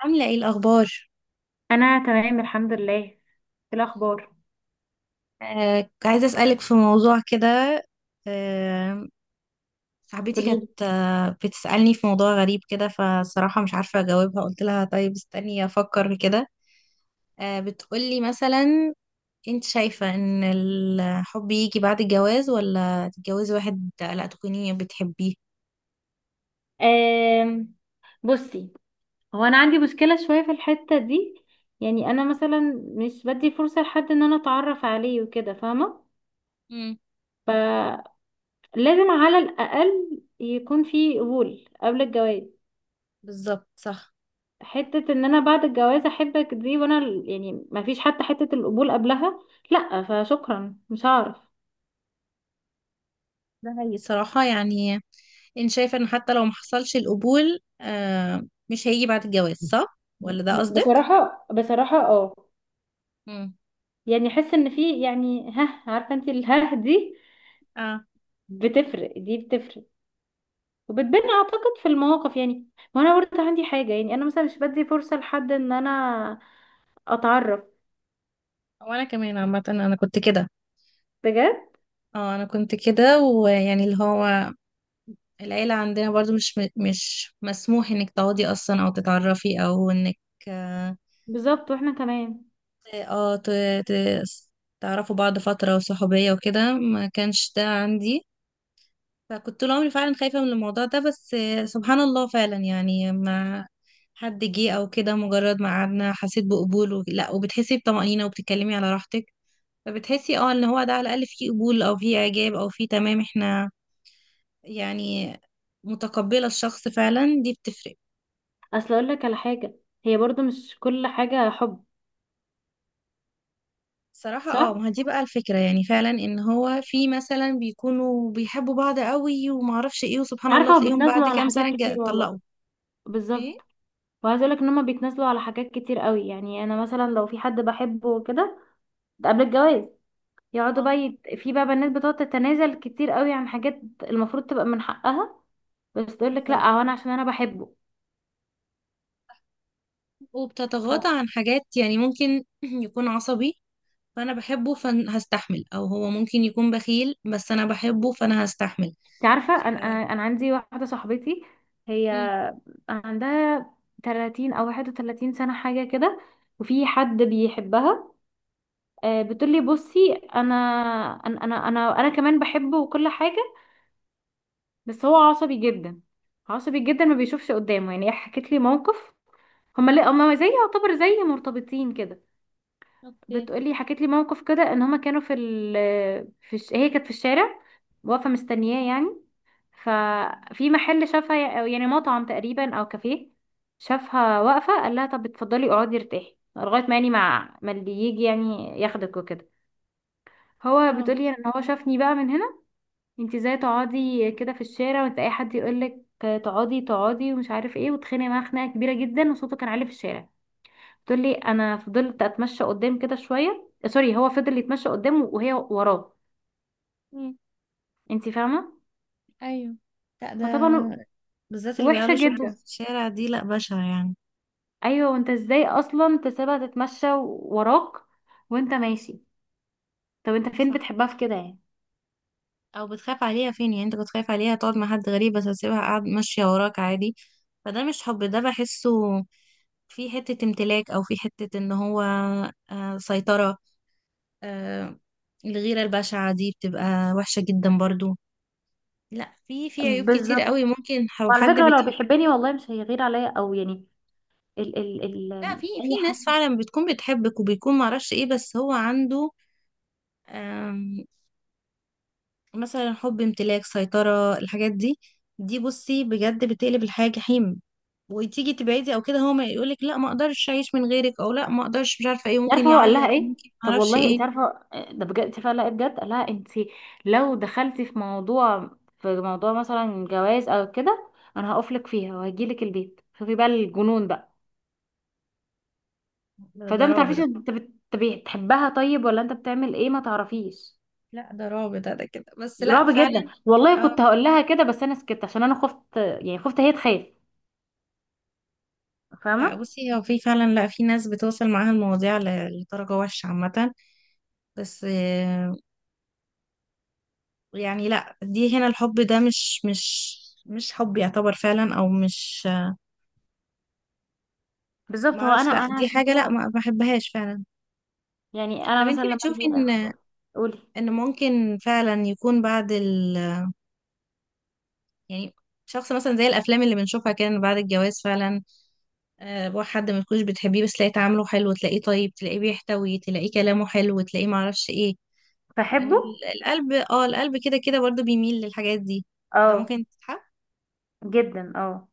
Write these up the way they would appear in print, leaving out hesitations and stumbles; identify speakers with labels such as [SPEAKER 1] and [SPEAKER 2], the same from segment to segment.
[SPEAKER 1] عاملة ايه الأخبار؟
[SPEAKER 2] انا تمام الحمد لله. إيه الاخبار؟
[SPEAKER 1] عايزة أسألك في موضوع كده. آه، صاحبتي كانت
[SPEAKER 2] قوليلي.
[SPEAKER 1] بتسألني في موضوع غريب كده، فصراحة مش عارفة أجاوبها، قلت لها طيب استني أفكر كده. بتقولي مثلا، انت شايفة ان الحب يجي بعد الجواز ولا تتجوزي واحد لا تكوني بتحبيه؟
[SPEAKER 2] آم، بصي، هو انا عندي مشكله شويه في الحته دي. يعني انا مثلا مش بدي فرصه لحد ان انا اتعرف عليه وكده، فاهمه؟
[SPEAKER 1] مم.
[SPEAKER 2] فلازم على الاقل يكون في قبول قبل الجواز.
[SPEAKER 1] بالظبط صح.
[SPEAKER 2] حته ان انا بعد الجواز احبك دي، وانا يعني ما فيش حتى حته القبول قبلها، لا فشكرا، مش هعرف.
[SPEAKER 1] ده هي صراحة يعني انت شايفة ان حتى لو محصلش القبول، مش هيجي بعد الجواز صح؟ ولا ده قصدك؟
[SPEAKER 2] بصراحه اه.
[SPEAKER 1] مم.
[SPEAKER 2] يعني احس ان في، يعني ها، عارفه انت، الها دي
[SPEAKER 1] اه.
[SPEAKER 2] بتفرق، دي بتفرق وبتبان اعتقد في المواقف، يعني. وانا برضه عندي حاجه، يعني انا مثلا مش بدي فرصه لحد ان انا اتعرف،
[SPEAKER 1] وانا كمان عامة انا كنت كده.
[SPEAKER 2] بجد.
[SPEAKER 1] اه، انا كنت كده ويعني اللي هو العيلة عندنا برضو مش مسموح انك تقعدي اصلا او تتعرفي او انك اه.
[SPEAKER 2] بالظبط، واحنا كمان.
[SPEAKER 1] آه، ت- ت- تعرفوا بعض فترة وصحوبية وكده ما كانش ده عندي. فكنت طول عمري فعلا خايفة من الموضوع ده، بس سبحان الله فعلا يعني مع حد جه او كده مجرد ما قعدنا حسيت بقبول، لا، وبتحسي بطمأنينة وبتتكلمي على راحتك. فبتحسي اه ان هو ده على الاقل فيه قبول او فيه اعجاب او فيه تمام، احنا يعني متقبلة الشخص فعلا، دي بتفرق.
[SPEAKER 2] اصل اقول لك على حاجه، هي برضه مش كل حاجه حب.
[SPEAKER 1] صراحة
[SPEAKER 2] صح.
[SPEAKER 1] اه، ما هي دي بقى الفكرة، يعني فعلا ان هو في مثلا بيكونوا بيحبوا بعض قوي ومعرفش ايه وسبحان الله
[SPEAKER 2] عارفه، هو
[SPEAKER 1] تلاقيهم
[SPEAKER 2] بيتنازلوا
[SPEAKER 1] بعد
[SPEAKER 2] على
[SPEAKER 1] كام
[SPEAKER 2] حاجات
[SPEAKER 1] سنة
[SPEAKER 2] كتير والله.
[SPEAKER 1] اتطلقوا. ايه.
[SPEAKER 2] بالظبط. وعايزه اقول لك ان هم بيتنازلوا على حاجات كتير قوي. يعني انا مثلا لو في حد بحبه وكده، ده قبل الجواز، يقعدوا
[SPEAKER 1] اه.
[SPEAKER 2] بقى في بقى بنات بتقعد تتنازل كتير قوي عن حاجات المفروض تبقى من حقها، بس تقول لك
[SPEAKER 1] بالظبط.
[SPEAKER 2] لا، هو انا عشان انا بحبه. ف-
[SPEAKER 1] وبتتغاضى عن حاجات يعني ممكن يكون عصبي، فانا بحبه فهستحمل، او هو ممكن يكون بخيل بس انا بحبه فانا هستحمل.
[SPEAKER 2] انت عارفه،
[SPEAKER 1] ف...
[SPEAKER 2] انا أنا عندي واحده صاحبتي، هي
[SPEAKER 1] مم.
[SPEAKER 2] عندها 30 او 31 سنه حاجه كده، وفي حد بيحبها. بتقول لي بصي، انا انا كمان بحبه وكل حاجه، بس هو عصبي جدا، عصبي جدا، ما بيشوفش قدامه. يعني هي حكت لي موقف، هما لا هما زي يعتبر زي مرتبطين كده.
[SPEAKER 1] اوكي.
[SPEAKER 2] بتقولي، حكيت لي موقف كده، ان هما كانوا في هي كانت في الشارع واقفه مستنياه يعني، ففي محل شافها، أو يعني مطعم تقريبا او كافيه، شافها واقفه قال لها طب اتفضلي اقعدي ارتاحي لغايه ما، يعني مع ما اللي يجي يعني ياخدك وكده. هو
[SPEAKER 1] اه.
[SPEAKER 2] بتقولي ان هو شافني بقى من هنا. انت ازاي تقعدي كده في الشارع، وانت اي حد يقولك تقعدي تقعدي ومش عارف ايه، وتخانق معاه خناقه كبيره جدا وصوته كان عالي في الشارع. تقول لي انا فضلت اتمشى قدام كده شويه، سوري هو فضل يتمشى قدامه وهي وراه. انت فاهمه؟
[SPEAKER 1] ايوه. لا
[SPEAKER 2] فطبعا
[SPEAKER 1] ده بالذات اللي
[SPEAKER 2] وحشه
[SPEAKER 1] بيعلوا صوته
[SPEAKER 2] جدا.
[SPEAKER 1] في الشارع دي لا بشعة يعني.
[SPEAKER 2] ايوه، وانت ازاي اصلا تسيبها تتمشى وراك وانت ماشي؟ طب انت فين
[SPEAKER 1] صح.
[SPEAKER 2] بتحبها في كده يعني؟
[SPEAKER 1] او بتخاف عليها فين يعني، انت كنت خايف عليها تقعد مع حد غريب بس هتسيبها قاعد ماشية وراك عادي؟ فده مش حب ده، بحسه في حتة امتلاك او في حتة ان هو سيطرة. آه الغيرة البشعة دي بتبقى وحشة جدا برضو. لا، في في عيوب كتير
[SPEAKER 2] بالظبط.
[SPEAKER 1] قوي ممكن لو
[SPEAKER 2] وعلى
[SPEAKER 1] حد
[SPEAKER 2] فكره، هو لو
[SPEAKER 1] بتحب.
[SPEAKER 2] بيحبني والله مش هيغير عليا او يعني، ال ال
[SPEAKER 1] لا،
[SPEAKER 2] ال
[SPEAKER 1] في
[SPEAKER 2] اي.
[SPEAKER 1] في ناس فعلا بتكون بتحبك وبيكون معرفش ايه بس هو عنده مثلا حب امتلاك سيطرة، الحاجات دي دي بصي بجد بتقلب الحياة جحيم. وتيجي تبعدي او كده هو ما يقولك لا، ما اقدرش اعيش من غيرك، او لا ما اقدرش مش عارفة ايه،
[SPEAKER 2] انت
[SPEAKER 1] ممكن
[SPEAKER 2] عارفه هو قال لها
[SPEAKER 1] يعيط
[SPEAKER 2] ايه؟
[SPEAKER 1] ممكن ما
[SPEAKER 2] طب
[SPEAKER 1] اعرفش
[SPEAKER 2] والله
[SPEAKER 1] ايه.
[SPEAKER 2] انت عارفه، ده بجد، انت فعلا بجد، قال لها انت لو دخلتي في موضوع، في موضوع مثلا جواز او كده، انا هقف لك فيها وهجي لك البيت. شوفي بقى الجنون بقى.
[SPEAKER 1] ده
[SPEAKER 2] فده ما
[SPEAKER 1] رعب
[SPEAKER 2] تعرفيش
[SPEAKER 1] ده.
[SPEAKER 2] انت بتحبها طيب ولا انت بتعمل ايه، ما تعرفيش.
[SPEAKER 1] لا ده رعب ده، كده بس لا
[SPEAKER 2] رعب جدا
[SPEAKER 1] فعلا.
[SPEAKER 2] والله.
[SPEAKER 1] اه.
[SPEAKER 2] كنت هقول لها كده بس انا سكت عشان انا خفت، يعني خفت هي تخاف.
[SPEAKER 1] لا
[SPEAKER 2] فاهمه؟
[SPEAKER 1] بصي هو في فعلا، لا في ناس بتوصل معاها المواضيع لدرجة وحشة عامة، بس يعني لا دي هنا الحب ده مش حب يعتبر فعلا، او مش
[SPEAKER 2] بالظبط. هو انا
[SPEAKER 1] معرفش، لا دي
[SPEAKER 2] عشان
[SPEAKER 1] حاجة، لا
[SPEAKER 2] كده
[SPEAKER 1] ما بحبهاش فعلا.
[SPEAKER 2] يعني، انا
[SPEAKER 1] طب
[SPEAKER 2] مثلا
[SPEAKER 1] انتي
[SPEAKER 2] لما
[SPEAKER 1] بتشوفي
[SPEAKER 2] اجي الاخبار. قولي.
[SPEAKER 1] ان ممكن فعلا يكون بعد ال يعني شخص مثلا زي الافلام اللي بنشوفها كان بعد الجواز فعلا. بقى حد ما تكونش بتحبيه، بس تلاقيه تعامله حلو، تلاقيه طيب، تلاقيه بيحتوي، تلاقيه كلامه حلو، تلاقيه معرفش ايه.
[SPEAKER 2] بحبه.
[SPEAKER 1] القلب كده كده برضه بيميل للحاجات دي،
[SPEAKER 2] اه
[SPEAKER 1] فممكن تتحب.
[SPEAKER 2] جدا اه.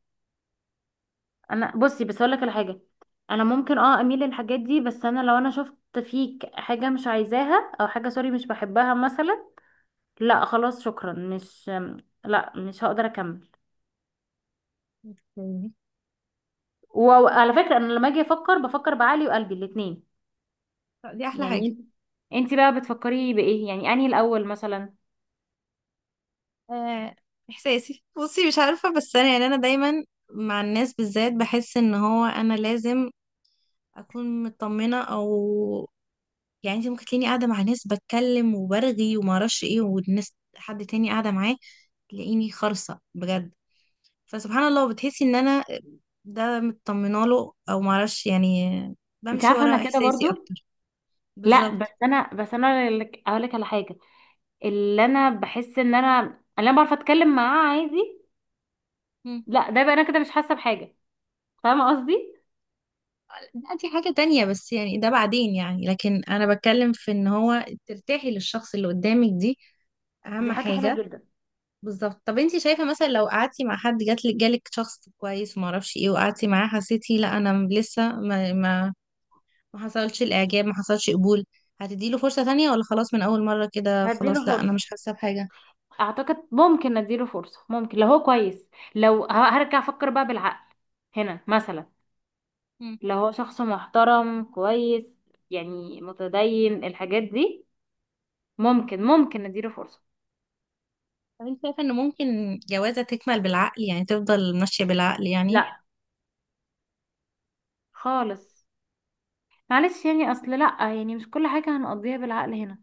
[SPEAKER 2] انا بصي، بس اقول لك على حاجه، انا ممكن اه اميل للحاجات دي، بس انا لو انا شفت فيك حاجه مش عايزاها، او حاجه سوري مش بحبها مثلا، لا خلاص شكرا، مش، لا مش هقدر اكمل.
[SPEAKER 1] اوكي.
[SPEAKER 2] وعلى فكره انا لما اجي افكر بفكر بعقلي وقلبي الاتنين.
[SPEAKER 1] طب دي احلى حاجة.
[SPEAKER 2] يعني انت بقى بتفكري بايه يعني، انهي الاول مثلا؟
[SPEAKER 1] آه، احساسي بصي مش عارفة، بس انا يعني انا دايما مع الناس بالذات بحس ان هو انا لازم اكون مطمنة، او يعني انت ممكن تلاقيني قاعده مع ناس بتكلم وبرغي وما اعرفش ايه، والناس حد تاني قاعده معاه، تلاقيني خرصه بجد. فسبحان الله بتحسي ان انا ده مطمنه له او ما اعرفش يعني،
[SPEAKER 2] انت
[SPEAKER 1] بمشي
[SPEAKER 2] عارفه
[SPEAKER 1] ورا
[SPEAKER 2] انا كده
[SPEAKER 1] احساسي
[SPEAKER 2] برضو.
[SPEAKER 1] اكتر.
[SPEAKER 2] لا بس
[SPEAKER 1] بالظبط.
[SPEAKER 2] انا اقول لك على حاجه، اللي انا بحس ان انا، اللي انا بعرف اتكلم معاه عادي،
[SPEAKER 1] مم.
[SPEAKER 2] لا ده بقى انا كده مش حاسه بحاجه. فاهمه قصدي؟
[SPEAKER 1] لا دي حاجه تانية، بس يعني ده بعدين يعني، لكن انا بتكلم في ان هو ترتاحي للشخص اللي قدامك، دي
[SPEAKER 2] دي
[SPEAKER 1] اهم
[SPEAKER 2] حاجة حلوة
[SPEAKER 1] حاجه.
[SPEAKER 2] جدا.
[SPEAKER 1] بالظبط. طب انت شايفه مثلا لو قعدتي مع حد جات لك جالك شخص كويس وما اعرفش ايه وقعدتي معاه حسيتي لا انا لسه ما ما حصلش الاعجاب، ما حصلش قبول، هتديله فرصة تانية ولا خلاص من اول مرة كده
[SPEAKER 2] هديله
[SPEAKER 1] خلاص لا انا
[SPEAKER 2] فرصة،
[SPEAKER 1] مش حاسة بحاجة؟
[SPEAKER 2] اعتقد ممكن نديله فرصة، ممكن لو هو كويس، لو هرجع افكر بقى بالعقل هنا مثلا.
[SPEAKER 1] مم.
[SPEAKER 2] لو هو شخص محترم كويس، يعني متدين الحاجات دي، ممكن ممكن نديله فرصة.
[SPEAKER 1] طب انت شايفة ان ممكن جوازة تكمل بالعقل يعني، تفضل ماشية بالعقل يعني؟
[SPEAKER 2] لا خالص، معلش يعني، اصل لا يعني مش كل حاجة هنقضيها بالعقل هنا.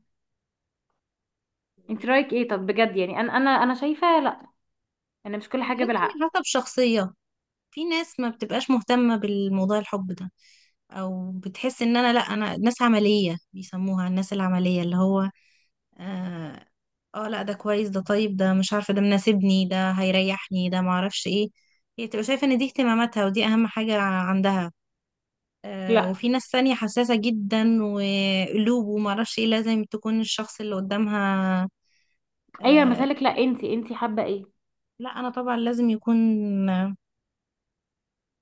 [SPEAKER 2] انت
[SPEAKER 1] إيه؟
[SPEAKER 2] رايك ايه طب بجد؟ يعني انا انا شايفة لا، انا مش كل
[SPEAKER 1] انا بحس
[SPEAKER 2] حاجة بالعقل.
[SPEAKER 1] ان حسب شخصية، في ناس ما بتبقاش مهتمة بالموضوع الحب ده، او بتحس ان انا لا انا ناس عملية بيسموها، الناس العملية اللي هو اه، لا ده كويس ده، طيب ده، مش عارفة ده مناسبني ده هيريحني ده معرفش ايه، هي تبقى شايفة ان دي اهتماماتها ودي اهم حاجة عندها.
[SPEAKER 2] لا
[SPEAKER 1] وفي ناس تانية حساسة جدا وقلوب ومعرفش ايه، لازم تكون الشخص اللي قدامها.
[SPEAKER 2] اي
[SPEAKER 1] آه،
[SPEAKER 2] مسالك، لا انت، انت حابة ايه؟
[SPEAKER 1] لا انا طبعا لازم يكون.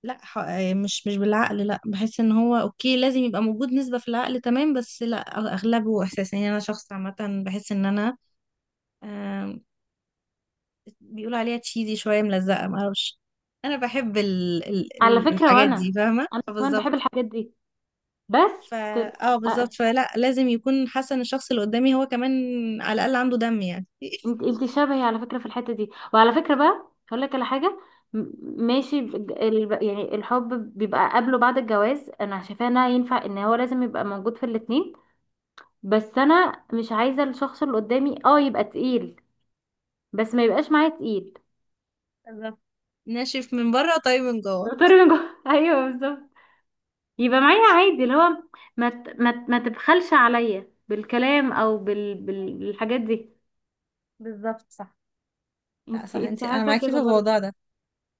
[SPEAKER 1] لا، مش بالعقل، لا بحس ان هو اوكي لازم يبقى موجود نسبة في العقل تمام، بس لا اغلبه احساس يعني. انا شخص عامة بحس ان انا آه، بيقولوا عليها تشيزي شوية ملزقة معرفش، انا بحب
[SPEAKER 2] على فكرة
[SPEAKER 1] الحاجات دي،
[SPEAKER 2] وانا،
[SPEAKER 1] فاهمة؟
[SPEAKER 2] انا كمان بحب
[SPEAKER 1] فبالظبط.
[SPEAKER 2] الحاجات دي، بس
[SPEAKER 1] ف
[SPEAKER 2] تبقى.
[SPEAKER 1] اه بالظبط، فلا لازم يكون حاسه ان الشخص اللي قدامي هو كمان على الاقل عنده دم يعني
[SPEAKER 2] انت، انت شبهي على فكرة في الحتة دي، وعلى فكرة بقى هقول لك على حاجة. م- ماشي يعني الحب بيبقى قبله بعد الجواز انا شايفاه انها ينفع ان هو لازم يبقى موجود في الاتنين، بس انا مش عايزة الشخص اللي قدامي اه يبقى تقيل، بس ما يبقاش معايا تقيل.
[SPEAKER 1] بالظبط. ناشف من بره طيب من جوه.
[SPEAKER 2] طارق من جوه. ايوه بالظبط. يبقى معايا عادي اللي هو ما تبخلش عليا بالكلام او بالحاجات دي.
[SPEAKER 1] بالظبط صح. لا
[SPEAKER 2] انت،
[SPEAKER 1] صح،
[SPEAKER 2] انت
[SPEAKER 1] انا
[SPEAKER 2] حاسة
[SPEAKER 1] معاكي في
[SPEAKER 2] كده برضه؟
[SPEAKER 1] الموضوع ده.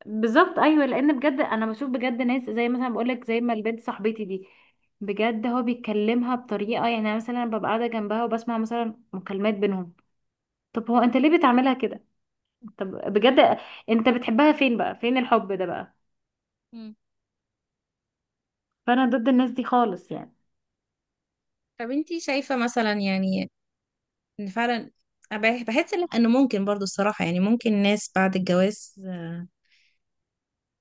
[SPEAKER 2] بالظبط. ايوه، لان بجد انا بشوف بجد ناس زي مثلا بقول لك زي ما البنت صاحبتي دي، بجد هو بيكلمها بطريقه، يعني أنا مثلا ببقى قاعده جنبها وبسمع مثلا مكالمات بينهم. طب هو انت ليه بتعملها كده؟ طب بجد، انت بتحبها فين بقى، فين الحب ده بقى؟
[SPEAKER 1] مم.
[SPEAKER 2] فانا ضد الناس دي خالص يعني.
[SPEAKER 1] طب انتي شايفة مثلا يعني ان فعلا أنا بحس ان ممكن برضو الصراحة يعني، ممكن ناس بعد الجواز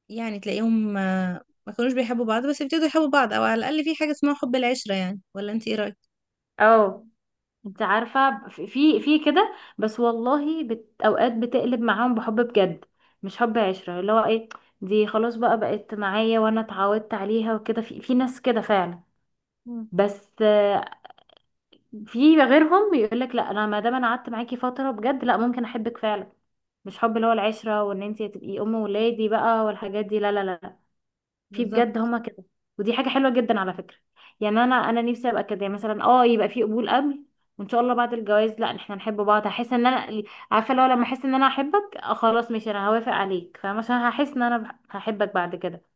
[SPEAKER 1] يعني تلاقيهم ما كانوش بيحبوا بعض بس يبتدوا يحبوا بعض، او على الاقل في حاجة اسمها حب العشرة يعني، ولا انت ايه رأيك؟
[SPEAKER 2] اه، انت عارفه في كده، بس والله اوقات بتقلب معاهم بحب بجد، مش حب عشره اللي هو ايه، دي خلاص بقى بقت معايا وانا اتعودت عليها وكده. في في ناس كده فعلا،
[SPEAKER 1] مم.
[SPEAKER 2] بس في غيرهم يقول لك لا، انا ما دام انا قعدت معاكي فتره بجد لا ممكن احبك فعلا، مش حب اللي هو العشره وان انت تبقي ام ولادي بقى والحاجات دي، لا لا لا لا. في بجد
[SPEAKER 1] بالظبط.
[SPEAKER 2] هما كده، ودي حاجه حلوه جدا على فكره. يعني انا، انا نفسي ابقى كده يعني، مثلا اه يبقى في قبول قبل، وان شاء الله بعد الجواز لا احنا نحب بعض. هحس ان انا، عارفه لو لما احس ان انا احبك، خلاص ماشي انا هوافق عليك. فاهمه؟ عشان هحس ان انا هحبك بعد كده.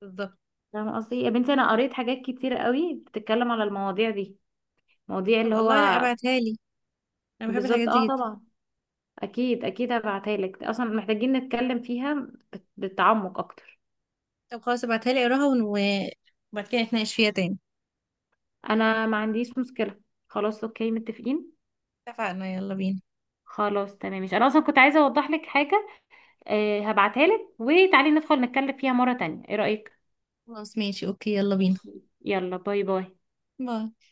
[SPEAKER 1] بالظبط.
[SPEAKER 2] فاهمه قصدي؟ يا بنتي انا قريت حاجات كتير قوي بتتكلم على المواضيع دي، مواضيع
[SPEAKER 1] طب
[SPEAKER 2] اللي هو،
[SPEAKER 1] الله، لا ابعتها لي، انا بحب الحاجات
[SPEAKER 2] بالظبط اه
[SPEAKER 1] دي جدا.
[SPEAKER 2] طبعا. اكيد اكيد هبعتها لك، اصلا محتاجين نتكلم فيها بتعمق اكتر.
[SPEAKER 1] طب خلاص ابعتها لي اقراها وبعد كده نتناقش فيها تاني.
[SPEAKER 2] انا ما عنديش مشكله، خلاص اوكي متفقين.
[SPEAKER 1] اتفقنا، يلا بينا.
[SPEAKER 2] خلاص تمام، مش انا اصلا كنت عايزه اوضح لك حاجه. آه هبعتها لك وتعالي ندخل نتكلم فيها مره تانية، ايه رايك؟
[SPEAKER 1] خلاص ماشي اوكي، يلا بينا.
[SPEAKER 2] ماشي، يلا، باي باي.
[SPEAKER 1] باي.